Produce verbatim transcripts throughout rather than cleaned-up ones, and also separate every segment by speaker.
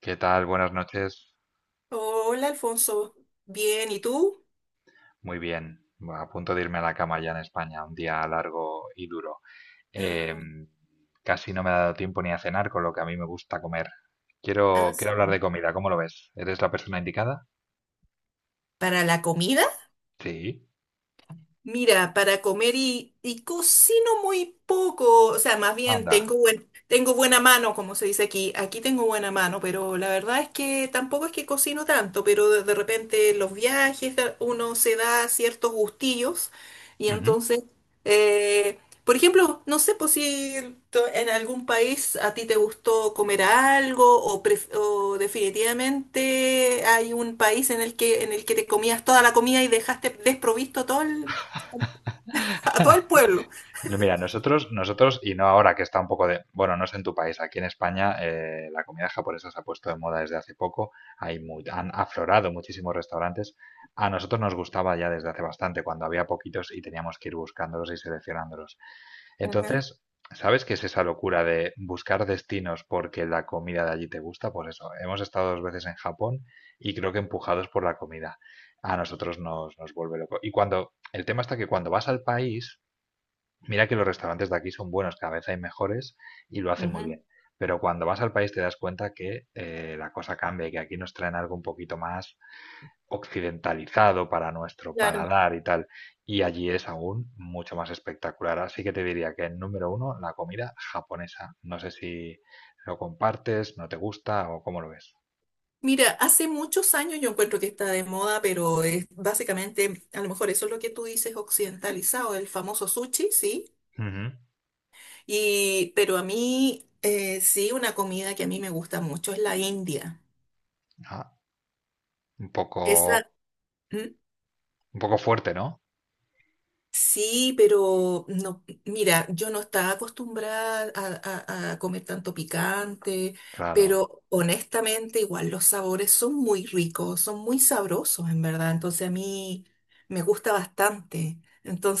Speaker 1: ¿Qué tal? Buenas noches.
Speaker 2: Hola, Alfonso. Bien, ¿y tú?
Speaker 1: Muy bien. A punto de irme a la cama ya en España. Un día largo y duro.
Speaker 2: Ah,
Speaker 1: Em, Casi no me ha dado tiempo ni a cenar, con lo que a mí me gusta comer.
Speaker 2: ah,
Speaker 1: Quiero, quiero hablar
Speaker 2: sí.
Speaker 1: de comida. ¿Cómo lo ves? ¿Eres la persona indicada?
Speaker 2: Para la comida.
Speaker 1: Sí.
Speaker 2: Mira, para comer y, y cocino muy poco, o sea, más bien
Speaker 1: Anda.
Speaker 2: tengo buen- tengo buena mano, como se dice aquí. Aquí tengo buena mano, pero la verdad es que tampoco es que cocino tanto, pero de, de repente en los viajes da- uno se da ciertos gustillos y
Speaker 1: Ujú.
Speaker 2: entonces, eh, por ejemplo, no sé, pues si to- en algún país a ti te gustó comer algo o, pref- o definitivamente hay un país en el que en el que te comías toda la comida y dejaste desprovisto todo el a todo el pueblo.
Speaker 1: No, mira, nosotros, nosotros, y no ahora que está un poco de, bueno, no sé en tu país, aquí en España eh, la comida japonesa se ha puesto de moda desde hace poco, hay mu- han aflorado muchísimos restaurantes. A nosotros nos gustaba ya desde hace bastante, cuando había poquitos y teníamos que ir buscándolos y seleccionándolos.
Speaker 2: Ajá,
Speaker 1: Entonces, ¿sabes qué es esa locura de buscar destinos porque la comida de allí te gusta? Pues eso, hemos estado dos veces en Japón y creo que empujados por la comida. A nosotros nos, nos vuelve loco. Y cuando, el tema está que cuando vas al país, mira que los restaurantes de aquí son buenos, cada vez hay mejores y lo hacen muy
Speaker 2: ajá.
Speaker 1: bien. Pero cuando vas al país te das cuenta que eh, la cosa cambia y que aquí nos traen algo un poquito más occidentalizado para nuestro
Speaker 2: Claro.
Speaker 1: paladar y tal. Y allí es aún mucho más espectacular. Así que te diría que en número uno, la comida japonesa. No sé si lo compartes, no te gusta o cómo lo ves.
Speaker 2: Mira, hace muchos años yo encuentro que está de moda, pero es básicamente, a lo mejor eso es lo que tú dices, occidentalizado, el famoso sushi, sí.
Speaker 1: Ujú.
Speaker 2: Y, pero a mí, eh, sí, una comida que a mí me gusta mucho es la India.
Speaker 1: Ah, un poco,
Speaker 2: Esa, ¿Mm?
Speaker 1: un poco fuerte, ¿no?
Speaker 2: Sí, pero no, mira, yo no estaba acostumbrada a, a- a comer tanto picante,
Speaker 1: Claro.
Speaker 2: pero honestamente igual los sabores son muy ricos, son muy sabrosos en verdad, entonces a mí me gusta bastante.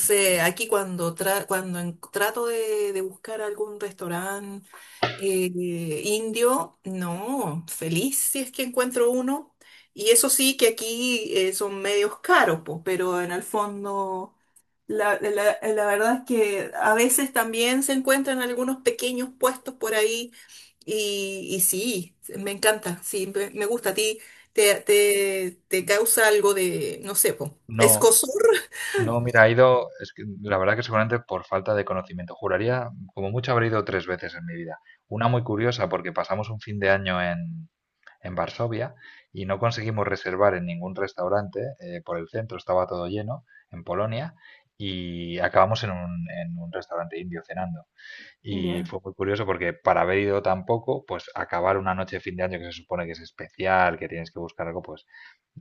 Speaker 1: Muy bien.
Speaker 2: aquí cuando, tra- cuando en- trato de, de buscar algún restaurante eh, indio, no, feliz si es que encuentro uno. Y eso sí que aquí, eh, son medios caros, pues, pero en el fondo... La, la- la verdad es que a veces también se encuentran algunos pequeños puestos por ahí y, y sí, me encanta, sí, me, me gusta a ti, te, te, te causa algo de, no sé, po,
Speaker 1: No.
Speaker 2: escozor.
Speaker 1: No, mira, ha ido, es que la verdad que seguramente por falta de conocimiento. Juraría, como mucho, habré ido tres veces en mi vida. Una muy curiosa porque pasamos un fin de año en, en Varsovia y no conseguimos reservar en ningún restaurante eh, por el centro, estaba todo lleno en Polonia y acabamos en un, en un restaurante indio cenando. Y
Speaker 2: Ya.
Speaker 1: fue muy curioso porque para haber ido tan poco, pues acabar una noche de fin de año que se supone que es especial, que tienes que buscar algo, pues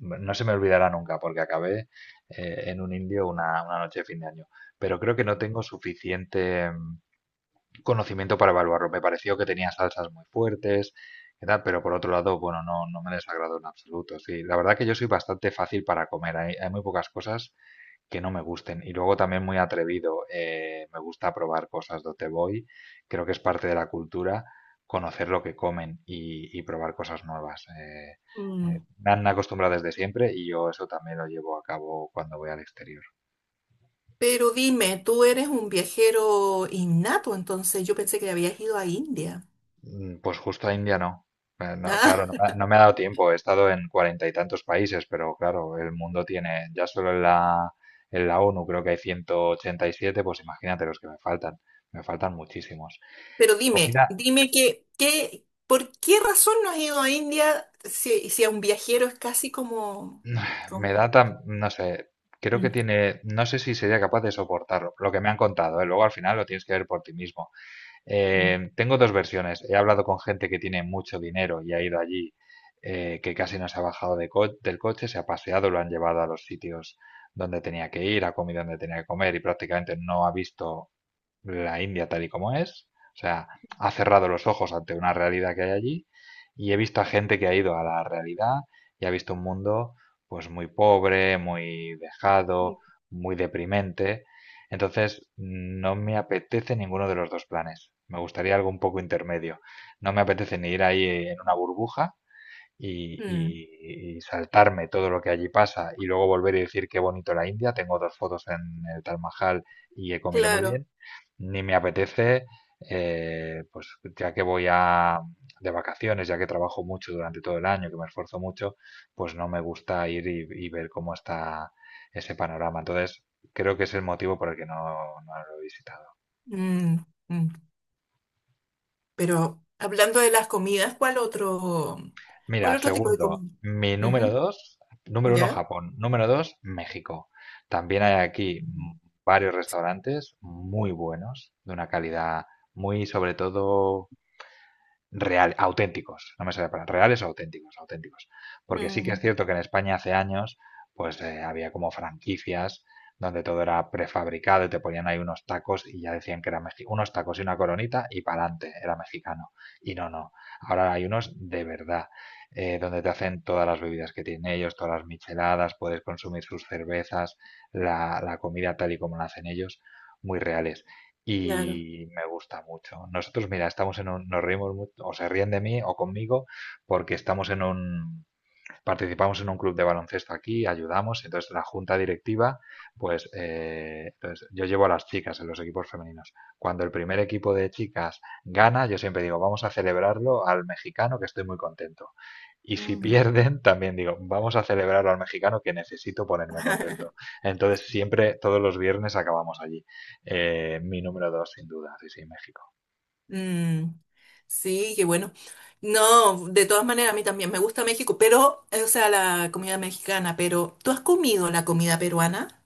Speaker 1: m- no se me olvidará nunca porque acabé eh, en un indio una, una noche de fin de año. Pero creo que no tengo suficiente mm, conocimiento para evaluarlo. Me pareció que tenía salsas muy fuertes, y tal, pero por otro lado, bueno, no, no me desagradó en absoluto. Sí, la verdad que yo soy bastante fácil para comer. Hay, hay muy pocas cosas que no me gusten. Y luego también muy atrevido, eh, me gusta probar cosas donde voy, creo que es parte de la cultura conocer lo que comen y, y probar cosas nuevas. Eh, eh,
Speaker 2: Mm.
Speaker 1: me han acostumbrado desde siempre y yo eso también lo llevo a cabo cuando voy al exterior.
Speaker 2: Pero dime, tú eres un viajero innato, entonces yo pensé que habías ido a India.
Speaker 1: Mm, Pues justo a India no. Eh, no, claro,
Speaker 2: Ah,
Speaker 1: no, me ha no me ha dado tiempo. He estado en cuarenta y tantos países, pero claro, el mundo tiene, ya solo en la, en la O N U creo que hay ciento ochenta y siete, pues imagínate los que me faltan. Me faltan muchísimos.
Speaker 2: pero dime,
Speaker 1: Comida.
Speaker 2: dime que, que, ¿por qué razón no has ido a India si, si a un viajero es casi como,
Speaker 1: Me
Speaker 2: como...
Speaker 1: da tan, no sé, creo que
Speaker 2: Mm.
Speaker 1: tiene, no sé si sería capaz de soportarlo, lo que me han contado, ¿eh? Luego al final lo tienes que ver por ti mismo.
Speaker 2: Mm.
Speaker 1: Eh, tengo dos versiones, he hablado con gente que tiene mucho dinero y ha ido allí, eh, que casi no se ha bajado de co- del coche, se ha paseado, lo han llevado a los sitios donde tenía que ir, ha comido donde tenía que comer y prácticamente no ha visto la India tal y como es, o sea, ha cerrado los ojos ante una realidad que hay allí y he visto a gente que ha ido a la realidad y ha visto un mundo pues muy pobre, muy dejado, muy deprimente. Entonces, no me apetece ninguno de los dos planes. Me gustaría algo un poco intermedio. No me apetece ni ir ahí en una burbuja, y,
Speaker 2: Mm,
Speaker 1: y- y saltarme todo lo que allí pasa y luego volver y decir qué bonito la India. Tengo dos fotos en el Taj Mahal y he comido muy
Speaker 2: claro.
Speaker 1: bien. Ni me apetece, eh, pues ya que voy a de vacaciones, ya que trabajo mucho durante todo el año, que me esfuerzo mucho, pues no me gusta ir y, y ver cómo está ese panorama. Entonces, creo que es el motivo por el que no, no lo he visitado.
Speaker 2: Mm, mm. Pero hablando de las comidas, ¿cuál otro, ¿cuál
Speaker 1: Mira,
Speaker 2: otro tipo de
Speaker 1: segundo,
Speaker 2: comida?
Speaker 1: mi número
Speaker 2: Ujú,
Speaker 1: dos, número uno
Speaker 2: ¿Ya?
Speaker 1: Japón, número dos México. También hay aquí mm,
Speaker 2: Mm.
Speaker 1: varios restaurantes muy buenos, de una calidad muy, sobre todo, real, auténticos, no me sale para reales o auténticos, auténticos. Porque sí que es
Speaker 2: Mm,
Speaker 1: cierto que en España hace años pues eh, había como franquicias donde todo era prefabricado y te ponían ahí unos tacos y ya decían que era mexi- unos tacos y una coronita y para adelante, era mexicano. Y no, no. Ahora hay unos de verdad, eh, donde te hacen todas las bebidas que tienen ellos, todas las micheladas, puedes consumir sus cervezas, la, la comida tal y como la hacen ellos, muy reales
Speaker 2: claro.
Speaker 1: y me gusta mucho. Nosotros, mira, estamos en un, nos reímos mucho, o se ríen de mí o conmigo, porque estamos en un, participamos en un club de baloncesto aquí, ayudamos, entonces la junta directiva, pues eh, entonces yo llevo a las chicas en los equipos femeninos. Cuando el primer equipo de chicas gana, yo siempre digo, vamos a celebrarlo al mexicano que estoy muy contento. Y si
Speaker 2: Mm.
Speaker 1: pierden, también digo, vamos a celebrarlo al mexicano que necesito ponerme contento. Entonces siempre, todos los viernes acabamos allí. Eh, mi número dos, sin duda, sí, sí, México.
Speaker 2: Mm, sí, qué bueno. No, de todas maneras, a mí también me gusta México, pero, eh, o sea, la comida mexicana, pero ¿tú has comido la comida peruana?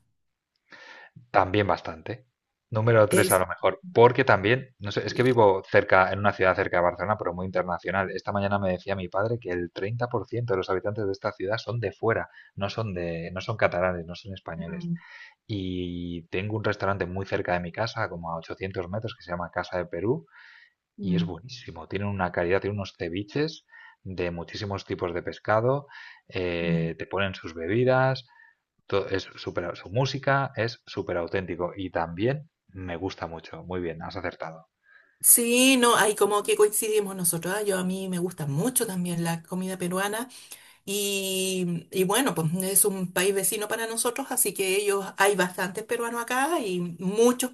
Speaker 1: También bastante. Número tres a
Speaker 2: Es...
Speaker 1: lo mejor, porque también, no sé, es que
Speaker 2: y-
Speaker 1: vivo cerca, en una ciudad cerca de Barcelona, pero muy internacional. Esta mañana me decía mi padre que el treinta por ciento de los habitantes de esta ciudad son de fuera, no son de, no son catalanes, no son españoles.
Speaker 2: Mm,
Speaker 1: Y tengo un restaurante muy cerca de mi casa, como a ochocientos metros, que se llama Casa de Perú, y es
Speaker 2: mm,
Speaker 1: buenísimo. Tienen una calidad, tienen unos ceviches de muchísimos tipos de pescado,
Speaker 2: mm.
Speaker 1: eh, te ponen sus bebidas, todo es súper, su música es súper auténtico y también me gusta mucho. Muy bien, has acertado.
Speaker 2: Sí, no, ahí como que coincidimos nosotros. Ah, yo a mí me gusta mucho también la comida peruana. Y, y bueno, pues es un país vecino para nosotros, así que ellos, hay bastantes peruanos acá y muchos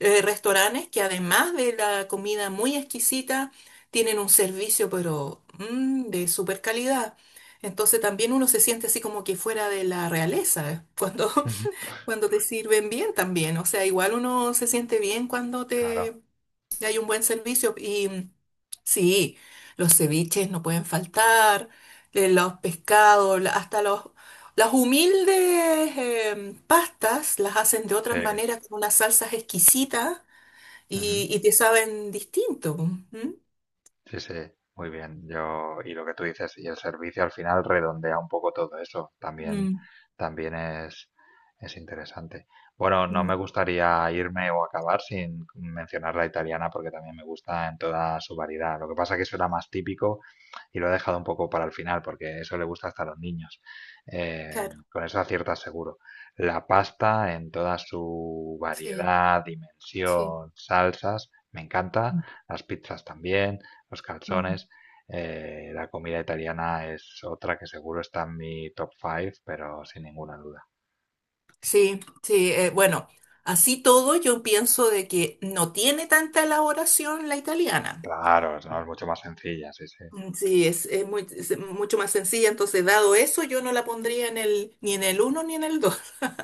Speaker 2: eh, restaurantes que además de la comida muy exquisita, tienen un servicio pero mm, de super calidad. Entonces también uno se siente así como que fuera de la realeza eh, cuando,
Speaker 1: Ujú.
Speaker 2: cuando te sirven bien también. O sea, igual uno se siente bien cuando
Speaker 1: Claro,
Speaker 2: te hay un buen servicio y sí, los ceviches no pueden faltar, eh, los pescados, la- hasta los, las humildes eh, pastas las hacen de
Speaker 1: sí.
Speaker 2: otras maneras con unas salsas exquisitas
Speaker 1: Ujú.
Speaker 2: y, y te saben distinto. ¿M?
Speaker 1: Sí, sí, muy bien. Yo, y lo que tú dices, y el servicio al final redondea un poco todo eso. También,
Speaker 2: Mm,
Speaker 1: también es, es interesante. Bueno, no
Speaker 2: mm,
Speaker 1: me gustaría irme o acabar sin mencionar la italiana porque también me gusta en toda su variedad. Lo que pasa que eso era más típico y lo he dejado un poco para el final porque eso le gusta hasta a los niños. Eh,
Speaker 2: claro,
Speaker 1: con eso aciertas seguro. La pasta en toda su
Speaker 2: sí.
Speaker 1: variedad,
Speaker 2: Sí.
Speaker 1: dimensión, salsas, me encanta. Las pizzas también los
Speaker 2: Mm.
Speaker 1: calzones. Eh, la comida italiana es otra que seguro está en mi top cinco, pero sin ninguna duda.
Speaker 2: Sí, sí, eh, bueno, así todo yo pienso de que no tiene tanta elaboración la italiana.
Speaker 1: Claro, es- no, es mucho más sencilla, sí, sí.
Speaker 2: Mm, sí, es, es muy, es mucho más sencilla, entonces dado eso yo no la pondría en el, ni en el uno ni en el dos.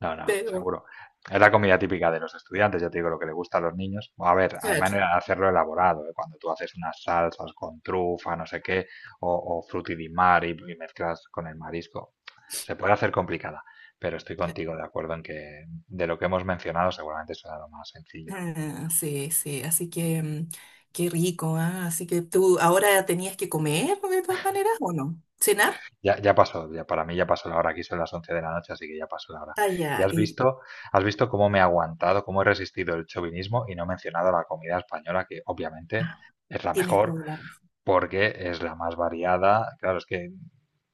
Speaker 1: No, no,
Speaker 2: Pero
Speaker 1: seguro. Es la comida típica de los estudiantes, yo te digo lo que le gusta a los niños. A ver, hay
Speaker 2: claro,
Speaker 1: manera de hacerlo elaborado, ¿eh? Cuando tú haces unas salsas con trufa, no sé qué, o, o frutti di mare y, y mezclas con el marisco. Se puede hacer complicada, pero estoy
Speaker 2: claro.
Speaker 1: contigo de acuerdo en que de lo que hemos mencionado seguramente será lo más sencillo.
Speaker 2: Ah, sí, sí, así que mm, qué rico, ah, así que tú ahora tenías que comer de todas maneras, ¿o no? ¿Cenar?
Speaker 1: Ya, ya pasó, ya, para mí ya pasó la hora, aquí son las once de la noche, así que ya pasó la hora.
Speaker 2: Ah,
Speaker 1: Ya
Speaker 2: ya,
Speaker 1: has
Speaker 2: y
Speaker 1: visto, has visto cómo me he aguantado, cómo he resistido el chauvinismo y no he mencionado la comida española, que obviamente es la
Speaker 2: tienes
Speaker 1: mejor
Speaker 2: toda la razón.
Speaker 1: porque es la más variada. Claro, es que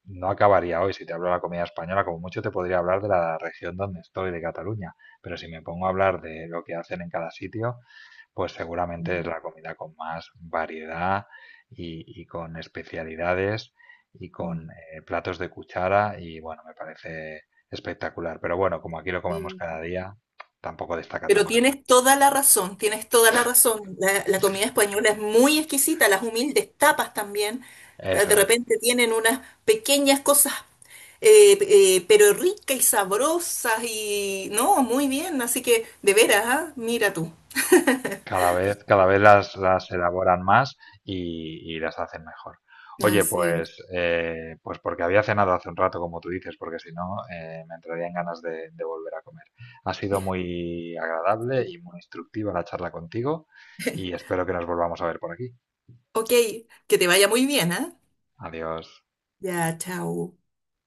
Speaker 1: no acabaría hoy si te hablo de la comida española, como mucho te podría hablar de la región donde estoy, de Cataluña, pero si me pongo a hablar de lo que hacen en cada sitio, pues seguramente es
Speaker 2: Mm,
Speaker 1: la comida con más variedad y, y con especialidades y
Speaker 2: mm.
Speaker 1: con eh, platos de cuchara y bueno, me parece espectacular. Pero bueno, como aquí lo comemos
Speaker 2: Sí.
Speaker 1: cada día, tampoco destaca
Speaker 2: Pero
Speaker 1: tanto.
Speaker 2: tienes toda la razón, tienes toda la razón. La, la comida española es muy exquisita, las humildes tapas también. eh,
Speaker 1: Eso
Speaker 2: De
Speaker 1: es.
Speaker 2: repente tienen unas pequeñas cosas, eh, eh, pero ricas y sabrosas y... No, muy bien, así que de veras, ¿ah? Mira tú.
Speaker 1: Cada vez, cada vez las, las elaboran más y, y las hacen mejor. Oye,
Speaker 2: Así es.
Speaker 1: pues, eh, pues porque había cenado hace un rato, como tú dices, porque si no, eh, me entrarían ganas de, de volver a comer. Ha sido muy agradable y muy instructiva la charla contigo y espero que nos volvamos a ver por aquí.
Speaker 2: Ok, que te vaya muy bien, ¿ah?
Speaker 1: Adiós.
Speaker 2: Ya, chao.